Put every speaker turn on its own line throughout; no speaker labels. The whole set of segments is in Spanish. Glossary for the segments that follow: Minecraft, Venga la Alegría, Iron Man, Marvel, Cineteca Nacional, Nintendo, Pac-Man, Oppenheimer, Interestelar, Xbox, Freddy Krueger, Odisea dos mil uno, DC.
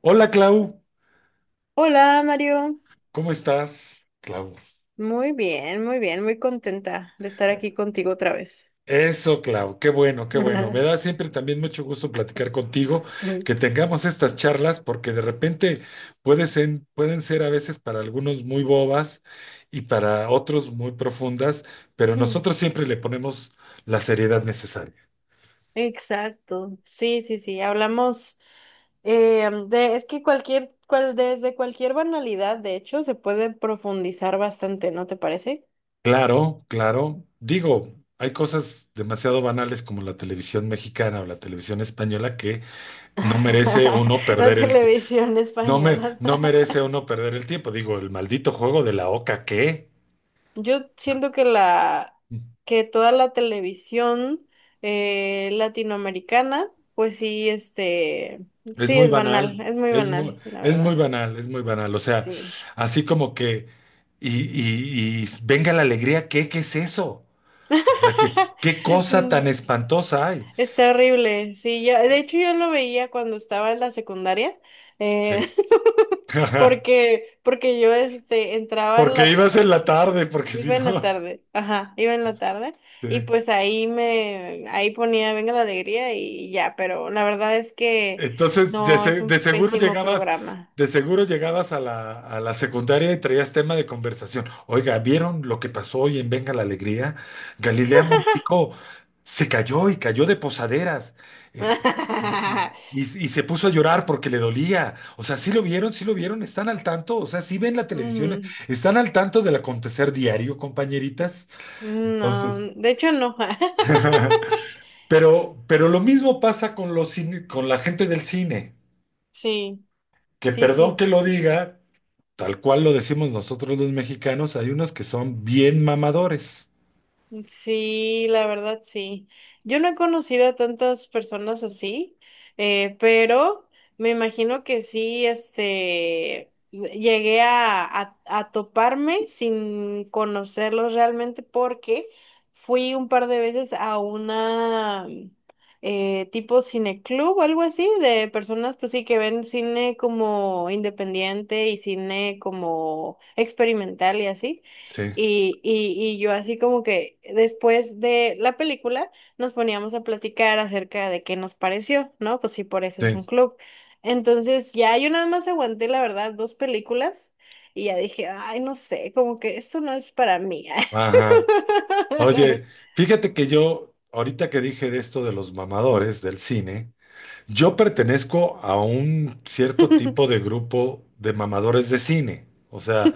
Hola Clau,
Hola Mario,
¿cómo estás? Clau.
muy bien, muy bien, muy contenta de estar aquí contigo otra vez.
Eso, Clau, qué bueno, qué bueno. Me da siempre también mucho gusto platicar contigo, que tengamos estas charlas, porque de repente pueden ser a veces para algunos muy bobas y para otros muy profundas, pero
Mm,
nosotros siempre le ponemos la seriedad necesaria.
exacto, sí, sí, sí, hablamos es que cualquier, desde cualquier banalidad, de hecho, se puede profundizar bastante, ¿no te parece?
Claro, claro. Digo, hay cosas demasiado banales como la televisión mexicana o la televisión española que no merece uno
La
perder el,
televisión
No me,
española.
no merece uno perder el tiempo. Digo, el maldito juego de la oca, ¿qué?
Yo siento que la que toda la televisión latinoamericana, pues sí, este,
Es
sí
muy
es
banal,
banal, es muy
es muy,
banal, la
es muy
verdad.
banal, O sea,
Sí.
así como que, y venga la alegría, ¿qué? ¿Qué es eso? O sea, ¿qué cosa
Mm,
tan espantosa hay?
Está horrible. Sí, de hecho yo lo veía cuando estaba en la secundaria.
Sí.
Eh, Porque yo este entraba en
Porque
la.
ibas en la tarde, porque si
Iba en la
no.
tarde, ajá, iba en la tarde
Sí.
y pues ahí ponía Venga la Alegría y ya, pero la verdad es que no, es
De
un
seguro
pésimo
llegabas,
programa.
de seguro llegabas a la secundaria y traías tema de conversación. Oiga, ¿vieron lo que pasó hoy en Venga la Alegría? Galilea Montijo se cayó y cayó de posaderas. Este, y, y- y se puso a llorar porque le dolía. O sea, sí lo vieron, están al tanto, o sea, sí ven la televisión,
Mm,
están al tanto del acontecer diario, compañeritas.
no,
Entonces,
de hecho no.
pero lo mismo pasa con la gente del cine,
Sí,
que
sí,
perdón
sí.
que lo diga, tal cual lo decimos nosotros los mexicanos, hay unos que son bien mamadores.
Sí, la verdad sí. Yo no he conocido a tantas personas así, pero me imagino que sí, este, llegué a toparme sin conocerlos realmente porque fui un par de veces a una tipo cineclub o algo así de personas, pues sí, que ven cine como independiente y cine como experimental y así.
Sí,
Y yo así como que después de la película nos poníamos a platicar acerca de qué nos pareció, ¿no? Pues sí, por eso es
sí,
un club. Entonces ya yo nada más aguanté, la verdad, dos películas y ya dije, ay, no sé, como que esto no es para mí.
ajá. Oye, fíjate que yo, ahorita que dije de esto de los mamadores del cine, yo pertenezco a un cierto tipo de grupo de mamadores de cine. O sea,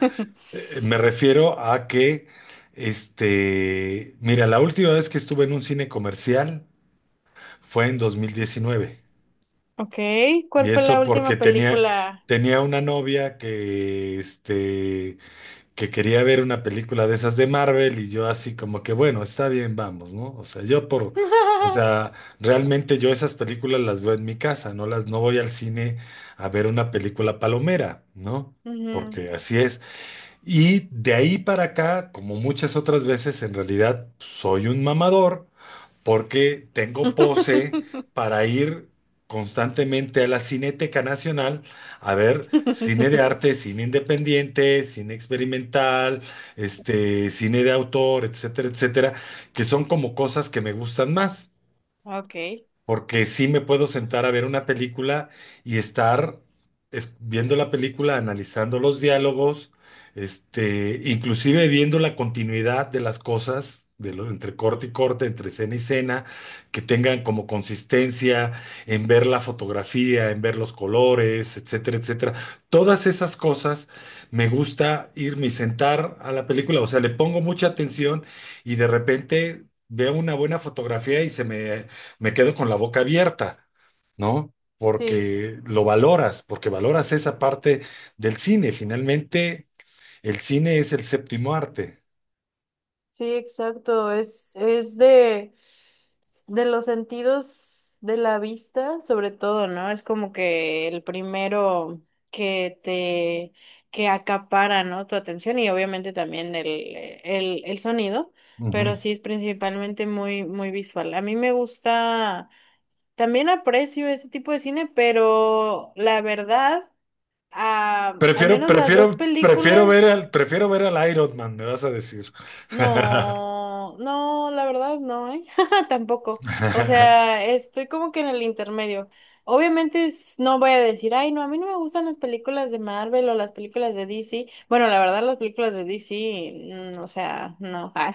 me refiero a que, mira, la última vez que estuve en un cine comercial fue en 2019.
Ok, ¿cuál
Y
fue la
eso porque
última película?
tenía una novia que, que quería ver una película de esas de Marvel y yo así como que, bueno, está bien, vamos, ¿no? O sea, o sea, realmente yo esas películas las veo en mi casa, no voy al cine a ver una película palomera, ¿no?
Ujú.
Porque así es. Y de ahí para acá, como muchas otras veces, en realidad soy un mamador porque tengo pose para ir constantemente a la Cineteca Nacional a ver cine de arte, cine independiente, cine experimental, cine de autor, etcétera, etcétera, que son como cosas que me gustan más
Ok,
porque sí me puedo sentar a ver una película y estar viendo la película, analizando los diálogos, inclusive viendo la continuidad de las cosas, de lo, entre corte y corte, entre escena y escena, que tengan como consistencia en ver la fotografía, en ver los colores, etcétera, etcétera. Todas esas cosas me gusta irme y sentar a la película, o sea, le pongo mucha atención y de repente veo una buena fotografía y se me me quedo con la boca abierta, ¿no?
sí.
Porque lo valoras, porque valoras esa parte del cine. Finalmente, el cine es el séptimo arte.
Sí, exacto. Es de los sentidos de la vista, sobre todo, ¿no? Es como que el primero que te, que acapara, ¿no? Tu atención y obviamente también el sonido,
Ujú.
pero sí es principalmente muy, muy visual. A mí me gusta, también aprecio ese tipo de cine, pero la verdad, ah, al menos las dos películas.
Prefiero ver al Iron Man, me vas a decir.
No, no, la verdad no, ¿eh? Tampoco. O sea, estoy como que en el intermedio. Obviamente no voy a decir, ay, no, a mí no me gustan las películas de Marvel o las películas de DC. Bueno, la verdad, las películas de DC, o sea, no. Ah.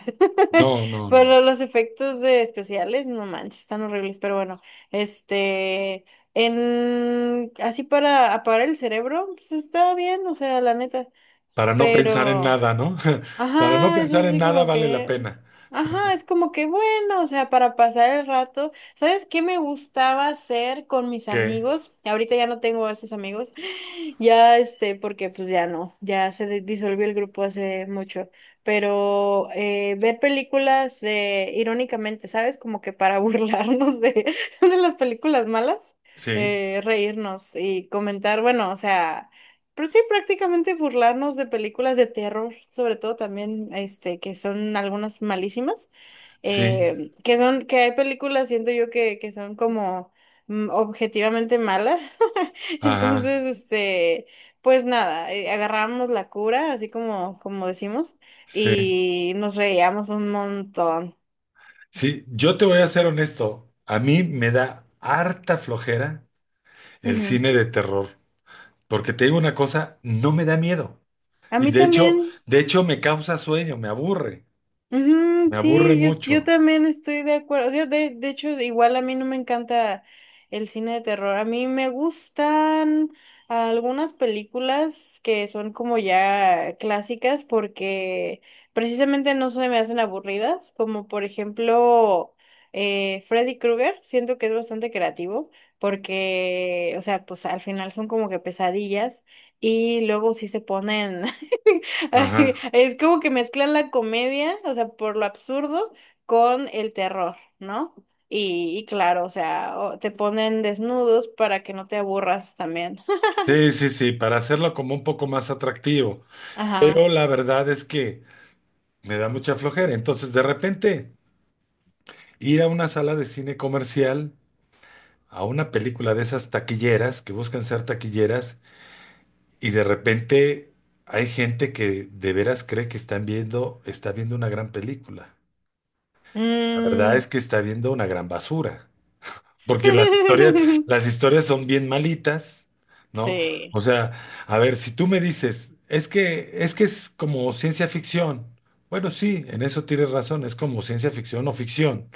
No, no, no.
Pero los efectos de especiales, no manches, están horribles. Pero bueno, este, así para apagar el cerebro, pues está bien, o sea, la neta.
Para no pensar en
Pero
nada, ¿no? Para no
ajá, es
pensar en
así
nada
como
vale la
que,
pena.
ajá, es como que bueno, o sea, para pasar el rato. ¿Sabes qué me gustaba hacer con mis
¿Qué?
amigos? Ahorita ya no tengo a esos amigos. Ya este, porque pues ya no, ya disolvió el grupo hace mucho, pero ver películas de, irónicamente, ¿sabes? Como que para burlarnos de, de las películas malas,
Sí,
reírnos y comentar, bueno, o sea. Pero sí, prácticamente burlarnos de películas de terror, sobre todo también, este, que son algunas malísimas,
sí,
que hay películas, siento yo, que son como objetivamente malas.
ajá,
Entonces, este, pues nada, agarramos la cura, así como, como decimos,
sí.
y nos reíamos un montón.
Sí, yo te voy a ser honesto, a mí me da harta flojera el
Ujú.
cine de terror, porque te digo una cosa, no me da miedo.
A
Y
mí también.
de hecho me causa sueño,
Ujú,
me aburre
sí, yo
mucho.
también estoy de acuerdo. Yo de hecho, igual a mí no me encanta el cine de terror. A mí me gustan algunas películas que son como ya clásicas porque precisamente no se me hacen aburridas, como por ejemplo Freddy Krueger. Siento que es bastante creativo porque, o sea, pues al final son como que pesadillas y luego sí se ponen.
Ajá.
Es como que mezclan la comedia, o sea, por lo absurdo, con el terror, ¿no? Y claro, o sea, te ponen desnudos para que no te aburras también.
Sí, sí, sí, para hacerlo como un poco más atractivo. Pero
Ajá.
la verdad es que me da mucha flojera. Entonces, de repente, ir a una sala de cine comercial, a una película de esas taquilleras, que buscan ser taquilleras. Y de repente hay gente que de veras cree que está viendo una gran película. La verdad es
Mm.
que está viendo una gran basura, porque las historias son bien malitas, ¿no?
Sí.
O sea, a ver, si tú me dices, es que es como ciencia ficción. Bueno, sí, en eso tienes razón, es como ciencia ficción o ficción.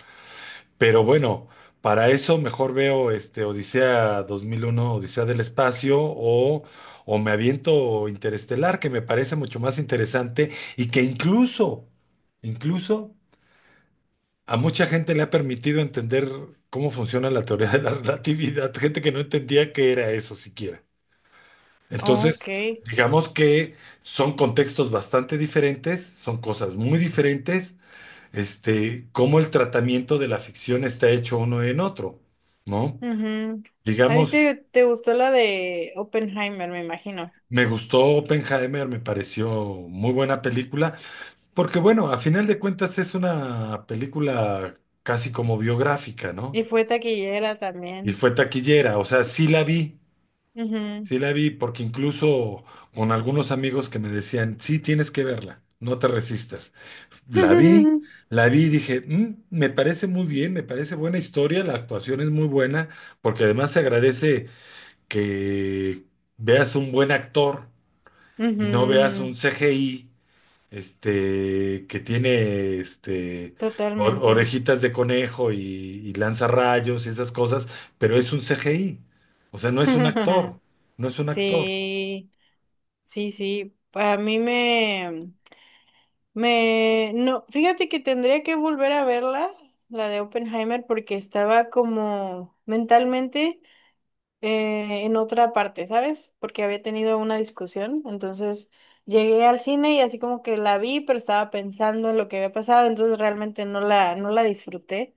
Pero bueno, para eso mejor veo este Odisea 2001, Odisea del espacio o me aviento Interestelar, que me parece mucho más interesante y que incluso a mucha gente le ha permitido entender cómo funciona la teoría de la relatividad, gente que no entendía qué era eso siquiera. Entonces,
Ok.
digamos que son contextos bastante diferentes, son cosas muy diferentes, cómo el tratamiento de la ficción está hecho uno en otro, ¿no?
Ujú. A ti
Digamos,
te gustó la de Oppenheimer, me imagino.
me gustó Oppenheimer, me pareció muy buena película, porque bueno, a final de cuentas es una película casi como biográfica, ¿no?
Y fue taquillera
Y
también.
fue taquillera, o sea, sí la vi.
Ujú.
Sí la vi porque incluso con algunos amigos que me decían, sí, tienes que verla, no te resistas. La vi, la vi y dije, "Mm, me parece muy bien, me parece buena historia, la actuación es muy buena, porque además se agradece que veas un buen actor y no veas
Ujú.
un CGI, este, que tiene, este, or-
Totalmente.
orejitas de conejo y lanza rayos y esas cosas, pero es un CGI, o sea, no es un actor, no es un actor".
Sí. Sí, sí, a mí no, fíjate que tendría que volver a verla, la de Oppenheimer, porque estaba como mentalmente en otra parte, ¿sabes? Porque había tenido una discusión, entonces llegué al cine y así como que la vi, pero estaba pensando en lo que había pasado, entonces realmente no la, no la disfruté,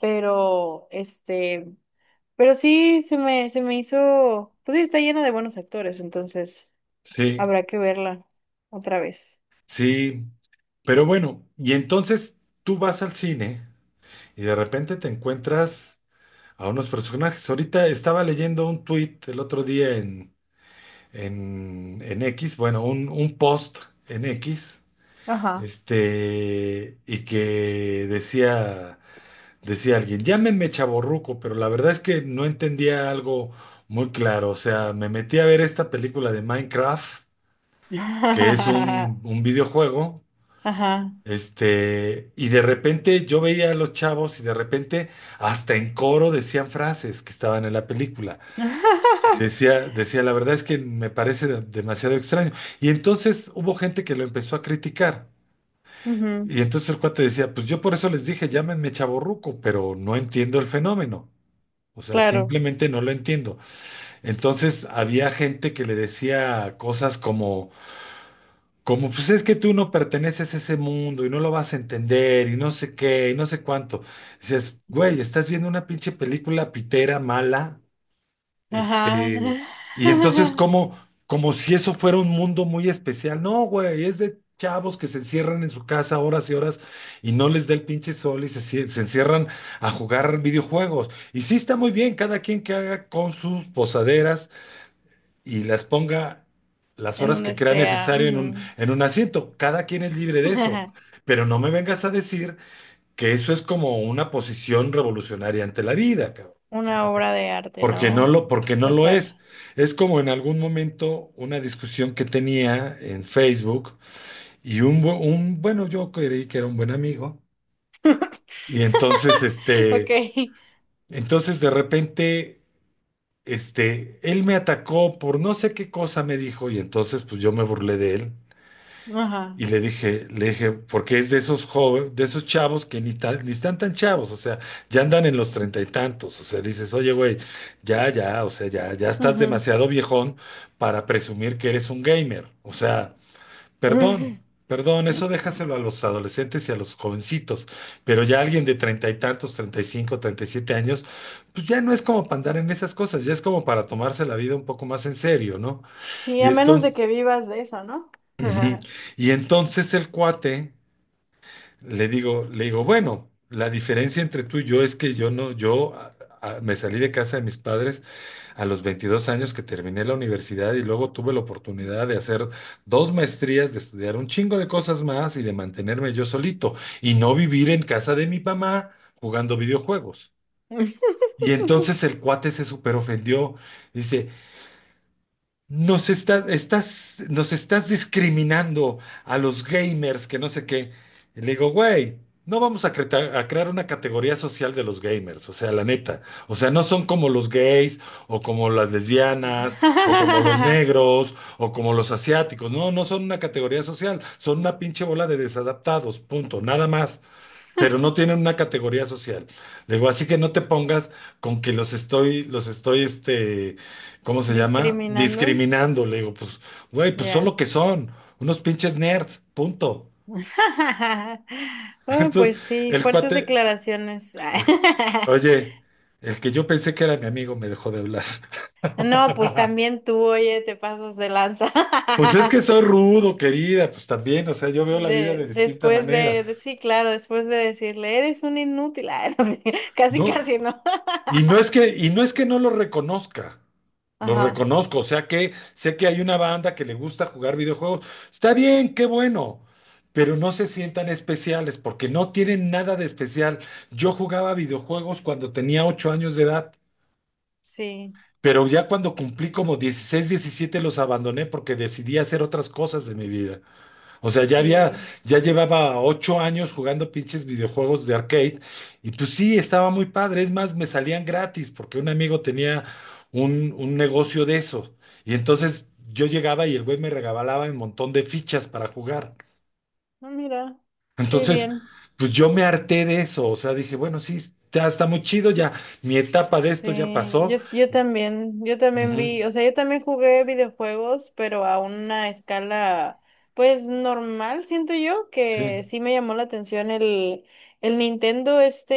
pero este, sí se me hizo, pues sí, está llena de buenos actores, entonces
Sí,
habrá que verla otra vez.
sí. Pero bueno, y entonces tú vas al cine y de repente te encuentras a unos personajes. Ahorita estaba leyendo un tuit el otro día en X, bueno, un post en X,
Ajá.
este, y que decía, decía alguien, llámeme chavorruco, pero la verdad es que no entendía algo muy claro. O sea, me metí a ver esta película de Minecraft, que es un videojuego.
Ajá.
Y de repente yo veía a los chavos y de repente hasta en coro decían frases que estaban en la película. Y decía, la verdad es que me parece demasiado extraño. Y entonces hubo gente que lo empezó a criticar.
Ujú.
Y entonces el cuate decía, pues yo por eso les dije, llámenme chavorruco, pero no entiendo el fenómeno. O sea,
Claro.
simplemente no lo entiendo. Entonces había gente que le decía cosas como: Como pues es que tú no perteneces a ese mundo y no lo vas a entender y no sé qué y no sé cuánto. Dices, güey, estás viendo una pinche película pitera, mala,
Ajá.
este, y entonces como, como si eso fuera un mundo muy especial. No, güey, es de chavos que se encierran en su casa horas y horas y no les da el pinche sol y se encierran a jugar videojuegos. Y sí está muy bien, cada quien que haga con sus posaderas y las ponga las
En
horas que
donde
crea
sea.
necesario en
Ujú.
un asiento. Cada quien es libre de eso. Pero no me vengas a decir que eso es como una posición revolucionaria ante la vida, cabrón.
Una obra de arte,
Porque
¿no?
porque no lo es.
Total.
Es como en algún momento una discusión que tenía en Facebook y un, bu- un bueno, yo creí que era un buen amigo. Y entonces,
Ok.
entonces de repente, él me atacó por no sé qué cosa me dijo y entonces pues yo me burlé de él.
Ajá.
Y le dije, porque es de esos jóvenes, de esos chavos que ni, tan- ni están tan chavos, o sea, ya andan en los treinta y tantos, o sea, dices, oye, güey, ya, ya, o sea, ya, ya estás
Ujú.
demasiado viejón para presumir que eres un gamer, o sea, perdón, perdón, eso
Ujú.
déjaselo a los adolescentes y a los jovencitos, pero ya alguien de treinta y tantos, 35, 37 años, pues ya no es como para andar en esas cosas, ya es como para tomarse la vida un poco más en serio, ¿no?
Sí,
Y
a menos de
entonces,
que vivas de eso, ¿no?
ujú,
Ajá.
y entonces el cuate le digo, bueno, la diferencia entre tú y yo es que yo no, yo a- me salí de casa de mis padres a los 22 años que terminé la universidad y luego tuve la oportunidad de hacer dos maestrías, de estudiar un chingo de cosas más y de mantenerme yo solito y no vivir en casa de mi mamá jugando videojuegos. Y entonces el cuate se súper ofendió. Dice, nos estás discriminando a los gamers, que no sé qué. Y le digo, güey, no vamos a, crear una categoría social de los gamers, o sea, la neta. O sea, no son como los gays, o como las lesbianas, o como los negros, o como los asiáticos. No, no son una categoría social, son una pinche bola de desadaptados, punto, nada más, pero no tienen una categoría social. Le digo, así que no te pongas con que los estoy, ¿cómo se llama?
Discriminando.
Discriminando. Le digo, pues, güey, pues son lo
Ya.
que son, unos pinches nerds, punto.
Oh,
Entonces,
pues sí,
el
fuertes
cuate,
declaraciones.
el- oye, el que yo pensé que era mi amigo me dejó de hablar.
No, pues también tú, oye, te pasas de lanza.
Pues es que soy rudo, querida, pues también, o sea, yo veo la vida
De,
de distinta
después
manera.
de, sí, claro, después de decirle, eres un inútil, ah, no sé, casi,
No.
casi, ¿no?
Y no es que, y no es que no lo reconozca. Lo
Ajá,
reconozco, o sea que sé que hay una banda que le gusta jugar videojuegos. Está bien, qué bueno, pero no se sientan especiales porque no tienen nada de especial. Yo jugaba videojuegos cuando tenía 8 años de edad,
sí,
pero ya cuando cumplí como 16 17 los abandoné porque decidí hacer otras cosas de mi vida. O sea, ya había,
sí.
ya llevaba 8 años jugando pinches videojuegos de arcade y pues sí, estaba muy padre. Es más, me salían gratis porque un amigo tenía un negocio de eso. Y entonces yo llegaba y el güey me regalaba un montón de fichas para jugar.
Ah, mira, qué
Entonces,
bien.
pues yo me harté de eso. O sea, dije, bueno, sí, ya está muy chido, ya mi etapa de esto ya
Sí,
pasó.
yo también
Ujú,
vi, o sea, yo también jugué videojuegos, pero a una escala, pues normal, siento yo,
sí,
que sí me llamó la atención el Nintendo este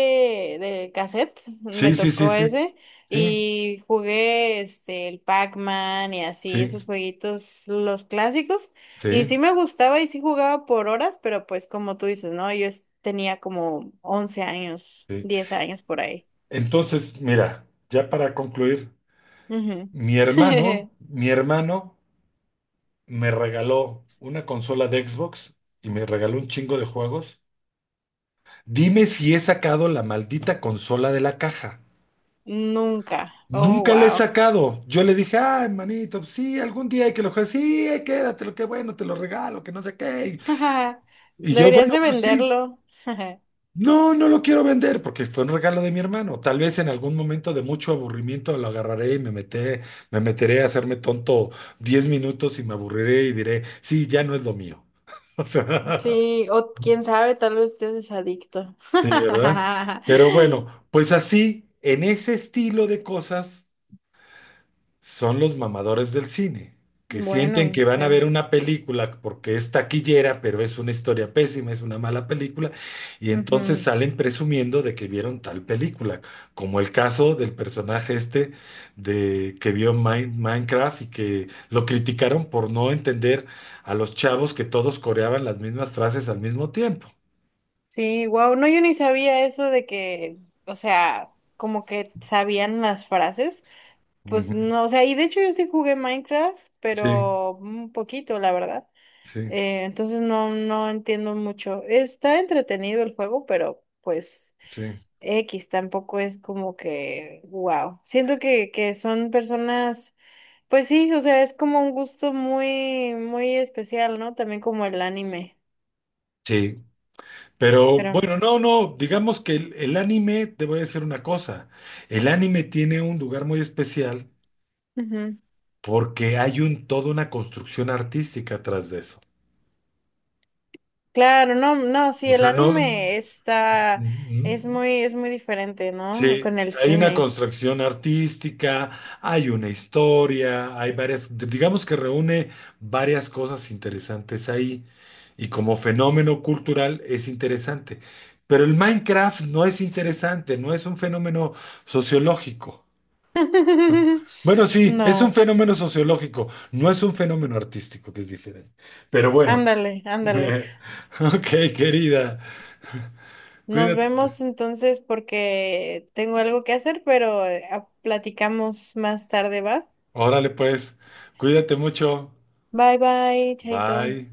de cassette, me
sí, sí, sí,
tocó
sí,
ese,
sí,
y jugué este, el Pac-Man y así,
sí,
esos jueguitos, los clásicos,
sí,
y sí me gustaba y sí jugaba por horas, pero pues como tú dices, ¿no? Yo tenía como 11 años,
sí.
10 años por ahí.
Entonces, mira, ya para concluir.
Ujú.
Mi hermano me regaló una consola de Xbox y me regaló un chingo de juegos. Dime si he sacado la maldita consola de la caja.
Nunca. Oh,
Nunca la he
wow.
sacado. Yo le dije, ay, manito, pues sí, algún día hay que lo juegue. Sí, quédatelo, qué bueno, te lo regalo, que no sé qué. Y yo,
Deberías
bueno,
de
pues sí.
venderlo.
No, no lo quiero vender porque fue un regalo de mi hermano. Tal vez en algún momento de mucho aburrimiento lo agarraré y me meteré a hacerme tonto 10 minutos y me aburriré y diré, sí, ya no es lo mío. O sea,
Sí, o quién sabe, tal vez estés adicto.
sí, ¿verdad? Pero bueno, pues así, en ese estilo de cosas son los mamadores del cine, que sienten
Bueno,
que van a ver
sí.
una película porque es taquillera, pero es una historia pésima, es una mala película, y entonces
Ujú.
salen presumiendo de que vieron tal película, como el caso del personaje este de que vio Minecraft y que lo criticaron por no entender a los chavos que todos coreaban las mismas frases al mismo tiempo.
Sí, wow. No, yo ni sabía eso de que, o sea, como que sabían las frases. Pues
Ujú.
no, o sea, y de hecho yo sí jugué Minecraft,
Sí,
pero un poquito, la verdad.
sí,
Entonces no, no entiendo mucho. Está entretenido el juego, pero pues
sí.
X tampoco es como que, wow. Siento que son personas, pues sí, o sea, es como un gusto muy, muy especial, ¿no? También como el anime.
Sí, pero
Pero,
bueno, no, no, digamos que el anime, te voy a decir una cosa, el anime tiene un lugar muy especial
ujú.
porque hay un, toda una construcción artística atrás de eso.
Claro, no, no, sí,
O
el
sea, no,
anime
mm,
es muy diferente, ¿no?
sí,
Con el
hay una
cine.
construcción artística, hay una historia, hay varias, digamos que reúne varias cosas interesantes ahí y como fenómeno cultural es interesante. Pero el Minecraft no es interesante, no es un fenómeno sociológico. Bueno, sí, es un
No,
fenómeno sociológico, no es un fenómeno artístico, que es diferente. Pero bueno.
ándale, ándale.
Ok, querida.
Nos
Cuídate.
vemos entonces porque tengo algo que hacer, pero platicamos más tarde, ¿va?
Órale, pues. Cuídate mucho.
Bye bye, Chaito.
Bye.